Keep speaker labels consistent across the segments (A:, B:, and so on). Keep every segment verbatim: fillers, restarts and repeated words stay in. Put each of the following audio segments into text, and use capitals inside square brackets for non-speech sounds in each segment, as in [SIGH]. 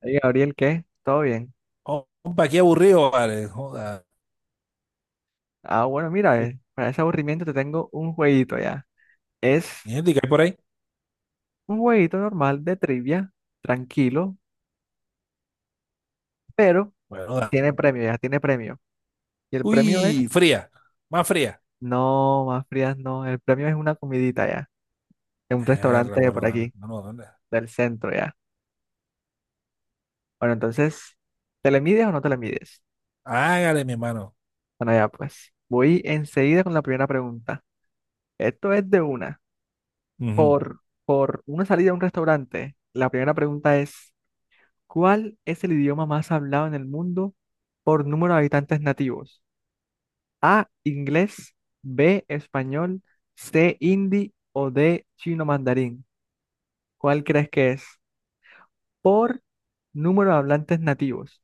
A: Hey, Gabriel, ¿qué? ¿Todo bien?
B: Oh, compa, qué aburrido, vale. Joda.
A: Ah, bueno, mira, eh, para ese aburrimiento te tengo un jueguito ya. Es
B: ¿Gente que hay por ahí?
A: un jueguito normal de trivia, tranquilo, pero
B: Bueno, dale.
A: tiene premio ya, tiene premio. Y el premio es,
B: Uy, fría. Más fría.
A: no, más frías no, el premio es una comidita ya, en un
B: Erra,
A: restaurante de
B: bueno,
A: por
B: dale.
A: aquí,
B: No, no, ¿dónde?
A: del centro ya. Bueno, entonces, ¿te le mides o no te le mides?
B: Hágale, mi hermano.
A: Bueno, ya pues, voy enseguida con la primera pregunta. Esto es de una,
B: Ujú.
A: por, por una salida a un restaurante. La primera pregunta es: ¿Cuál es el idioma más hablado en el mundo por número de habitantes nativos? A, inglés, B, español, C, hindi o D, chino mandarín. ¿Cuál crees que es? Por número de hablantes nativos.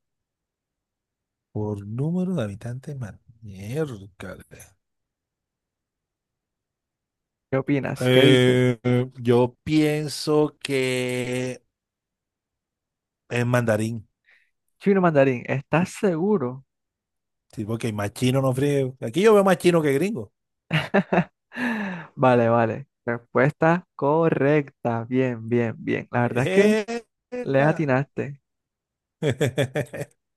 B: Por número de habitantes, man. Miércale.
A: ¿Qué opinas? ¿Qué dices?
B: Eh, yo pienso que es mandarín.
A: Chino mandarín, ¿estás seguro?
B: Sí, porque más chino no frío. Aquí yo veo más chino que gringo.
A: [LAUGHS] Vale, vale. Respuesta correcta. Bien, bien, bien. La verdad es que le
B: Epa.
A: atinaste.
B: [LAUGHS]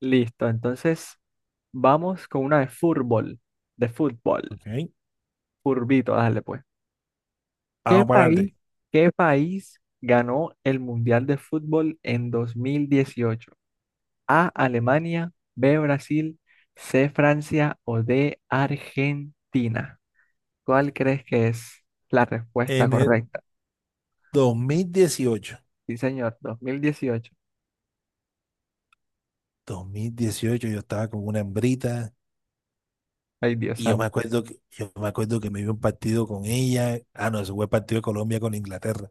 A: Listo, entonces vamos con una de fútbol. De fútbol.
B: Ok,
A: Curvito, dale pues. ¿Qué
B: vamos para
A: país,
B: adelante.
A: qué país ganó el Mundial de Fútbol en dos mil dieciocho? A, Alemania, B, Brasil, C, Francia o D, Argentina. ¿Cuál crees que es la respuesta
B: En el
A: correcta?
B: dos mil dieciocho.
A: Sí, señor, dos mil dieciocho.
B: Dos mil dieciocho yo estaba con una hembrita
A: Ay, Dios
B: y yo me
A: santo.
B: acuerdo que, yo me acuerdo que me vi un partido con ella. Ah, no, ese fue el partido de Colombia con Inglaterra.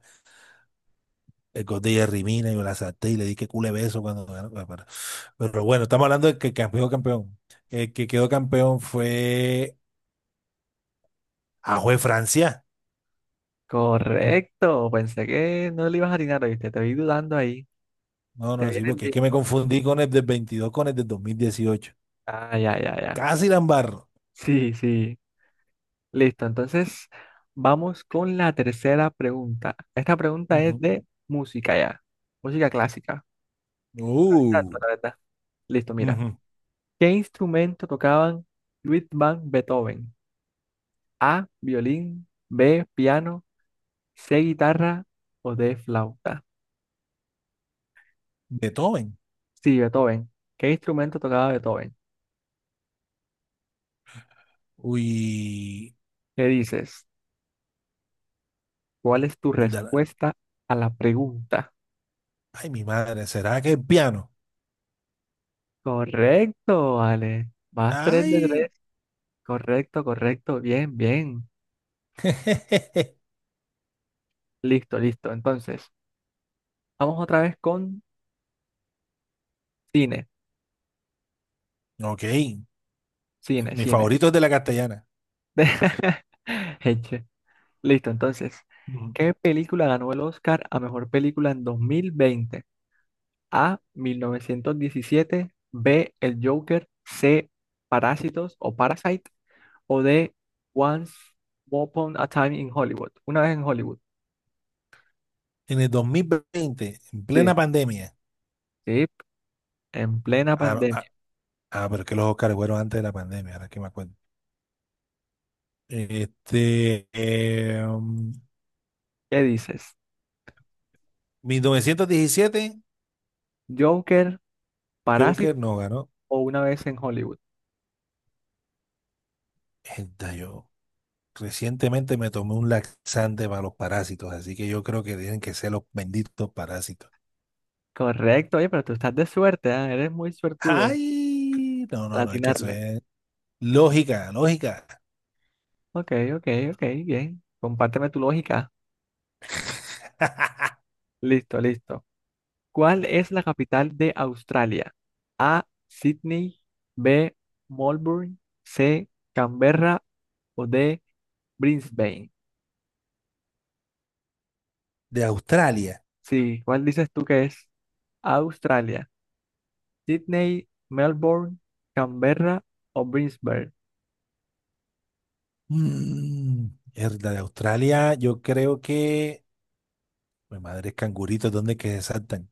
B: El gol de Jerry Mina, yo la salté y le di que cule beso cuando ganó. Bueno, Pero, pero bueno, estamos hablando de que campeón, campeón. El que quedó campeón fue a fue Francia.
A: Correcto, pensé que no le ibas a atinar, ¿viste? Te vi dudando ahí.
B: No,
A: Te
B: no, sí,
A: viene el
B: porque es que me
A: tiempo.
B: confundí con el del veintidós con el del dos mil dieciocho.
A: Ah, ya, ya, ya.
B: Casi la embarro.
A: Sí, sí. Listo, entonces vamos con la tercera pregunta. Esta pregunta es
B: Ujú.
A: de música ya, música clásica. No, ni tanto,
B: Uh,
A: la verdad. Listo, mira.
B: ujú.
A: ¿Qué instrumento tocaban Ludwig van Beethoven? A, violín, B, piano, C, guitarra o D, flauta.
B: Beethoven.
A: Sí, Beethoven. ¿Qué instrumento tocaba Beethoven?
B: Uy.
A: ¿Qué dices? ¿Cuál es tu respuesta a la pregunta?
B: Ay, mi madre, ¿será que es piano?
A: Correcto, Ale. Vas tres de
B: Ay,
A: tres. Correcto, correcto. Bien, bien.
B: [LAUGHS]
A: Listo, listo. Entonces, vamos otra vez con cine,
B: ok.
A: cine,
B: Mi
A: cine.
B: favorito es de la castellana.
A: [LAUGHS] Eche. Listo, entonces,
B: Ujú.
A: ¿qué película ganó el Oscar a mejor película en dos mil veinte? A, mil novecientos diecisiete, B, El Joker, C, Parásitos o Parasite o D, Once Upon a Time in Hollywood. Una vez en Hollywood.
B: En el dos mil veinte, en plena
A: Sí,
B: pandemia.
A: sí, en plena
B: Ah, ah,
A: pandemia.
B: ah, pero es que los Oscars fueron antes de la pandemia, ahora que me acuerdo. Este, eh, um,
A: ¿Qué dices?
B: mil novecientos diecisiete,
A: ¿Joker, Parásito
B: Joker no ganó.
A: o Una vez en Hollywood?
B: Esta yo recientemente me tomé un laxante para los parásitos, así que yo creo que tienen que ser los benditos parásitos.
A: Correcto, oye, pero tú estás de suerte, ¿ah? Eres muy suertudo
B: Ay, no,
A: al
B: no, no, es que eso
A: atinarle.
B: es. Lógica, lógica.
A: Ok, ok, ok, bien. Compárteme tu lógica.
B: [LAUGHS]
A: Listo, listo. ¿Cuál es la capital de Australia? A, Sydney, B, Melbourne, C, Canberra o D, Brisbane.
B: De Australia.
A: Sí, ¿cuál dices tú que es Australia? Sydney, Melbourne, Canberra o Brisbane.
B: Mm, mierda, de Australia, yo creo que. Mi madre es cangurito, ¿dónde que se saltan?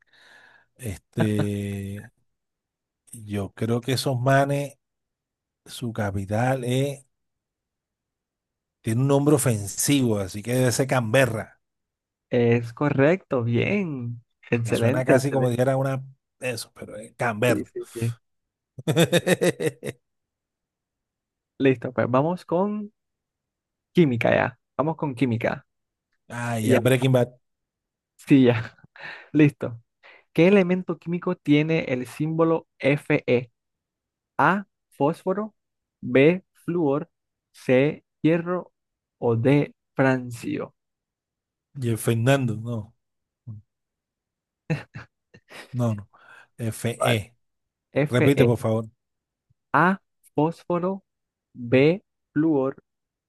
B: Este. Yo creo que esos manes, su capital es. Tiene un nombre ofensivo, así que debe ser Canberra.
A: Es correcto, bien.
B: Me suena
A: Excelente,
B: casi como
A: excelente.
B: si era una. Eso, pero es
A: Sí,
B: Canberra.
A: sí, sí.
B: [LAUGHS]
A: Listo, pues vamos con. Química ya. Vamos con química.
B: Ah,
A: Ya.
B: ya Breaking Bad.
A: Sí, ya. [LAUGHS] Listo. ¿Qué elemento químico tiene el símbolo Fe? A, fósforo, B, flúor, C, hierro o D, francio.
B: Y el Fernando, no. No, no. F
A: Vale.
B: E
A: Fe.
B: Repite, por favor.
A: A, fósforo, B, flúor,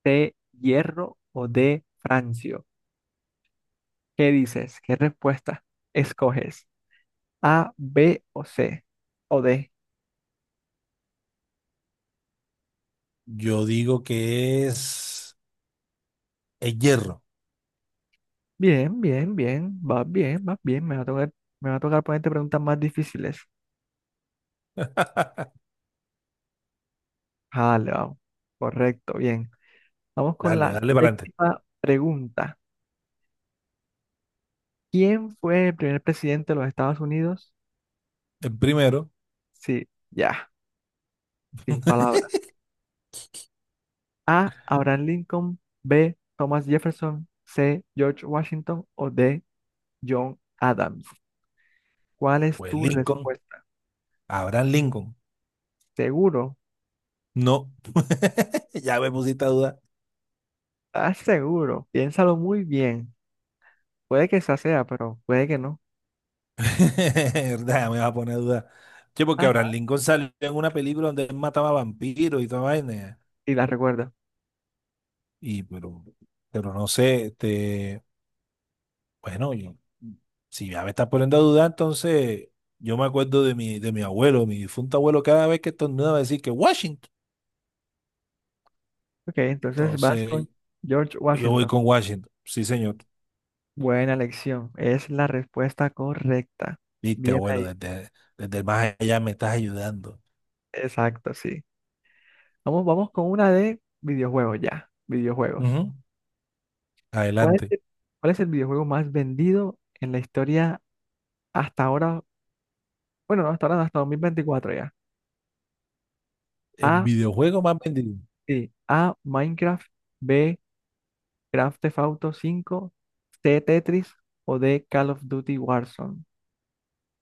A: C, hierro o D, francio. ¿Qué dices? ¿Qué respuesta escoges? A, B o C o D.
B: Yo digo que es el hierro.
A: Bien, bien, bien, va bien, va bien. Me va a tocar, me va a tocar ponerte preguntas más difíciles.
B: [LAUGHS]
A: Vale, vamos. Correcto, bien. Vamos con
B: Dale,
A: la
B: dale para adelante.
A: séptima pregunta. ¿Quién fue el primer presidente de los Estados Unidos?
B: El primero
A: Sí, ya, sin palabras. A, Abraham Lincoln. B, Thomas Jefferson. C, George Washington. O D, John Adams. ¿Cuál es
B: fue
A: tu
B: Lincoln,
A: respuesta?
B: Abraham Lincoln.
A: ¿Seguro?
B: No, [LAUGHS] ya me pusiste a duda. [LAUGHS]
A: ¿Estás seguro? Piénsalo muy bien. Puede que esa sea, pero puede que no.
B: Ya me vas a poner a duda. Che, porque
A: Ajá,
B: Abraham Lincoln salió en una película donde él mataba vampiros y toda vaina.
A: y la recuerda.
B: Y, pero, pero no sé, este, bueno, yo- si ya me estás poniendo a dudar, entonces yo me acuerdo de mi, de mi abuelo, mi difunto abuelo, cada vez que estornudaba decir que Washington.
A: Ok, entonces vas con
B: Entonces
A: George
B: yo voy
A: Washington.
B: con Washington. Sí, señor.
A: Buena elección. Es la respuesta correcta.
B: Viste,
A: Bien
B: abuelo,
A: ahí.
B: desde, desde el más allá me estás ayudando.
A: Exacto, sí. Vamos, vamos con una de videojuegos ya. Videojuegos.
B: Ujú.
A: ¿Cuál es
B: Adelante.
A: el, cuál es el videojuego más vendido en la historia hasta ahora? Bueno, no hasta ahora, no, hasta dos mil veinticuatro ya.
B: El
A: A,
B: videojuego más vendido.
A: sí. A, Minecraft. B, Grand Theft Auto cinco. C, Tetris. O D, Call of Duty Warzone.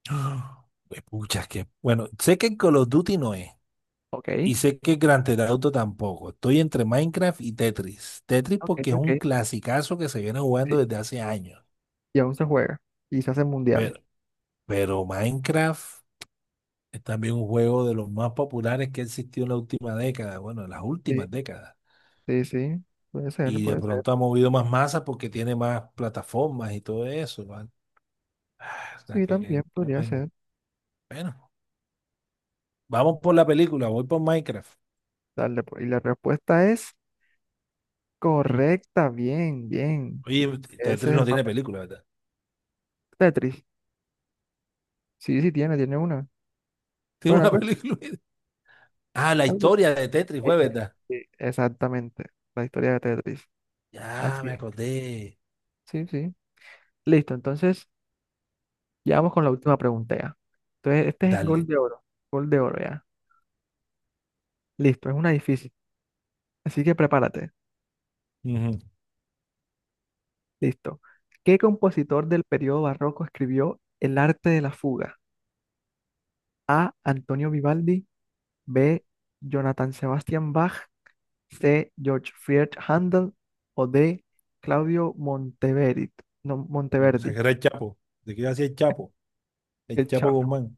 B: ¡Ah! Pues, Pucha, que bueno, sé que Call of Duty no es. Y
A: Ok.
B: sé que Grand Theft Auto tampoco. Estoy entre Minecraft y Tetris. Tetris
A: Ok,
B: porque es
A: ok.
B: un clasicazo que se viene
A: Sí.
B: jugando desde hace años.
A: Y aún se juega. Y se hacen mundiales.
B: Pero, pero Minecraft es también un juego de los más populares que ha existido en la última década. Bueno, en las
A: Sí,
B: últimas décadas.
A: sí, sí, puede ser,
B: Y de
A: puede ser.
B: pronto ha movido más masa porque tiene más plataformas y todo eso, ¿vale? O sea,
A: Sí, también
B: que, qué
A: podría
B: vaina.
A: ser.
B: Bueno, vamos por la película, voy por Minecraft.
A: Dale, pues. Y la respuesta es correcta, bien, bien.
B: Oye,
A: Ese
B: Tetris
A: es
B: no
A: el
B: tiene
A: papel
B: película, ¿verdad?
A: Tetris. Sí, sí, tiene, tiene una.
B: [LAUGHS] Tiene
A: Bueno,
B: una
A: algo,
B: película. [LAUGHS] Ah, la
A: algo-
B: historia de Tetris
A: es-
B: fue, ¿verdad?
A: sí, exactamente, la historia de Tetris.
B: Ya
A: Así
B: me
A: es.
B: acordé.
A: Sí, sí. Listo, entonces, ya vamos con la última pregunta ya. Entonces, este es gol
B: Dale.
A: de oro, gol de oro ya. Listo, es una difícil, así que prepárate.
B: Ujú.
A: Listo. ¿Qué compositor del periodo barroco escribió El arte de la fuga? A, Antonio Vivaldi. B, Jonathan Sebastian Bach. C, George Friedrich Handel. O D, Claudio Monteverdi. No,
B: Yo pensaba
A: Monteverdi.
B: que era el Chapo. ¿De qué hacía el Chapo?
A: Qué
B: El Chapo
A: chafo.
B: Guzmán.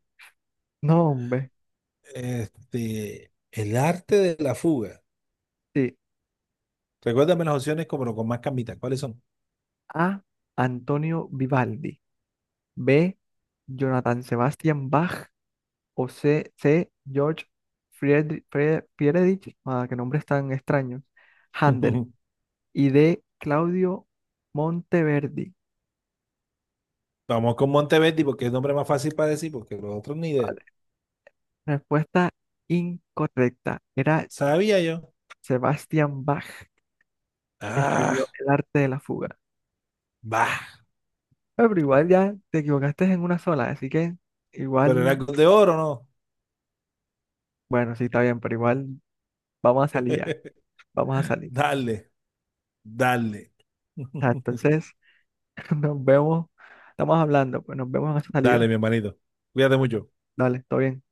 A: No, hombre.
B: Este, el arte de la fuga.
A: Sí.
B: Recuérdame las opciones, como, pero con más cambitas. ¿Cuáles son?
A: A, Antonio Vivaldi. B, Jonathan Sebastian Bach. O C. C, George Friedrich. Fre- Friedrich. Ah, qué nombres tan extraños. Handel.
B: [LAUGHS]
A: Y D, Claudio Monteverdi.
B: Vamos con Monteverdi porque es el nombre más fácil para decir, porque los otros ni de.
A: Vale. Respuesta incorrecta. Era
B: Sabía yo.
A: Sebastian Bach escribió
B: Ah,
A: El arte de la fuga.
B: va.
A: Ah, pero igual ya te equivocaste en una sola, así que
B: Pero era
A: igual,
B: gol de oro, ¿no?
A: bueno, sí está bien, pero igual vamos a salir ya,
B: [LAUGHS]
A: vamos a salir.
B: Dale, dale.
A: Ah,
B: [LAUGHS]
A: entonces, [LAUGHS] nos vemos, estamos hablando, pues nos vemos en esa
B: Dale,
A: salida.
B: mi hermanito. Cuídate mucho.
A: Dale, todo bien.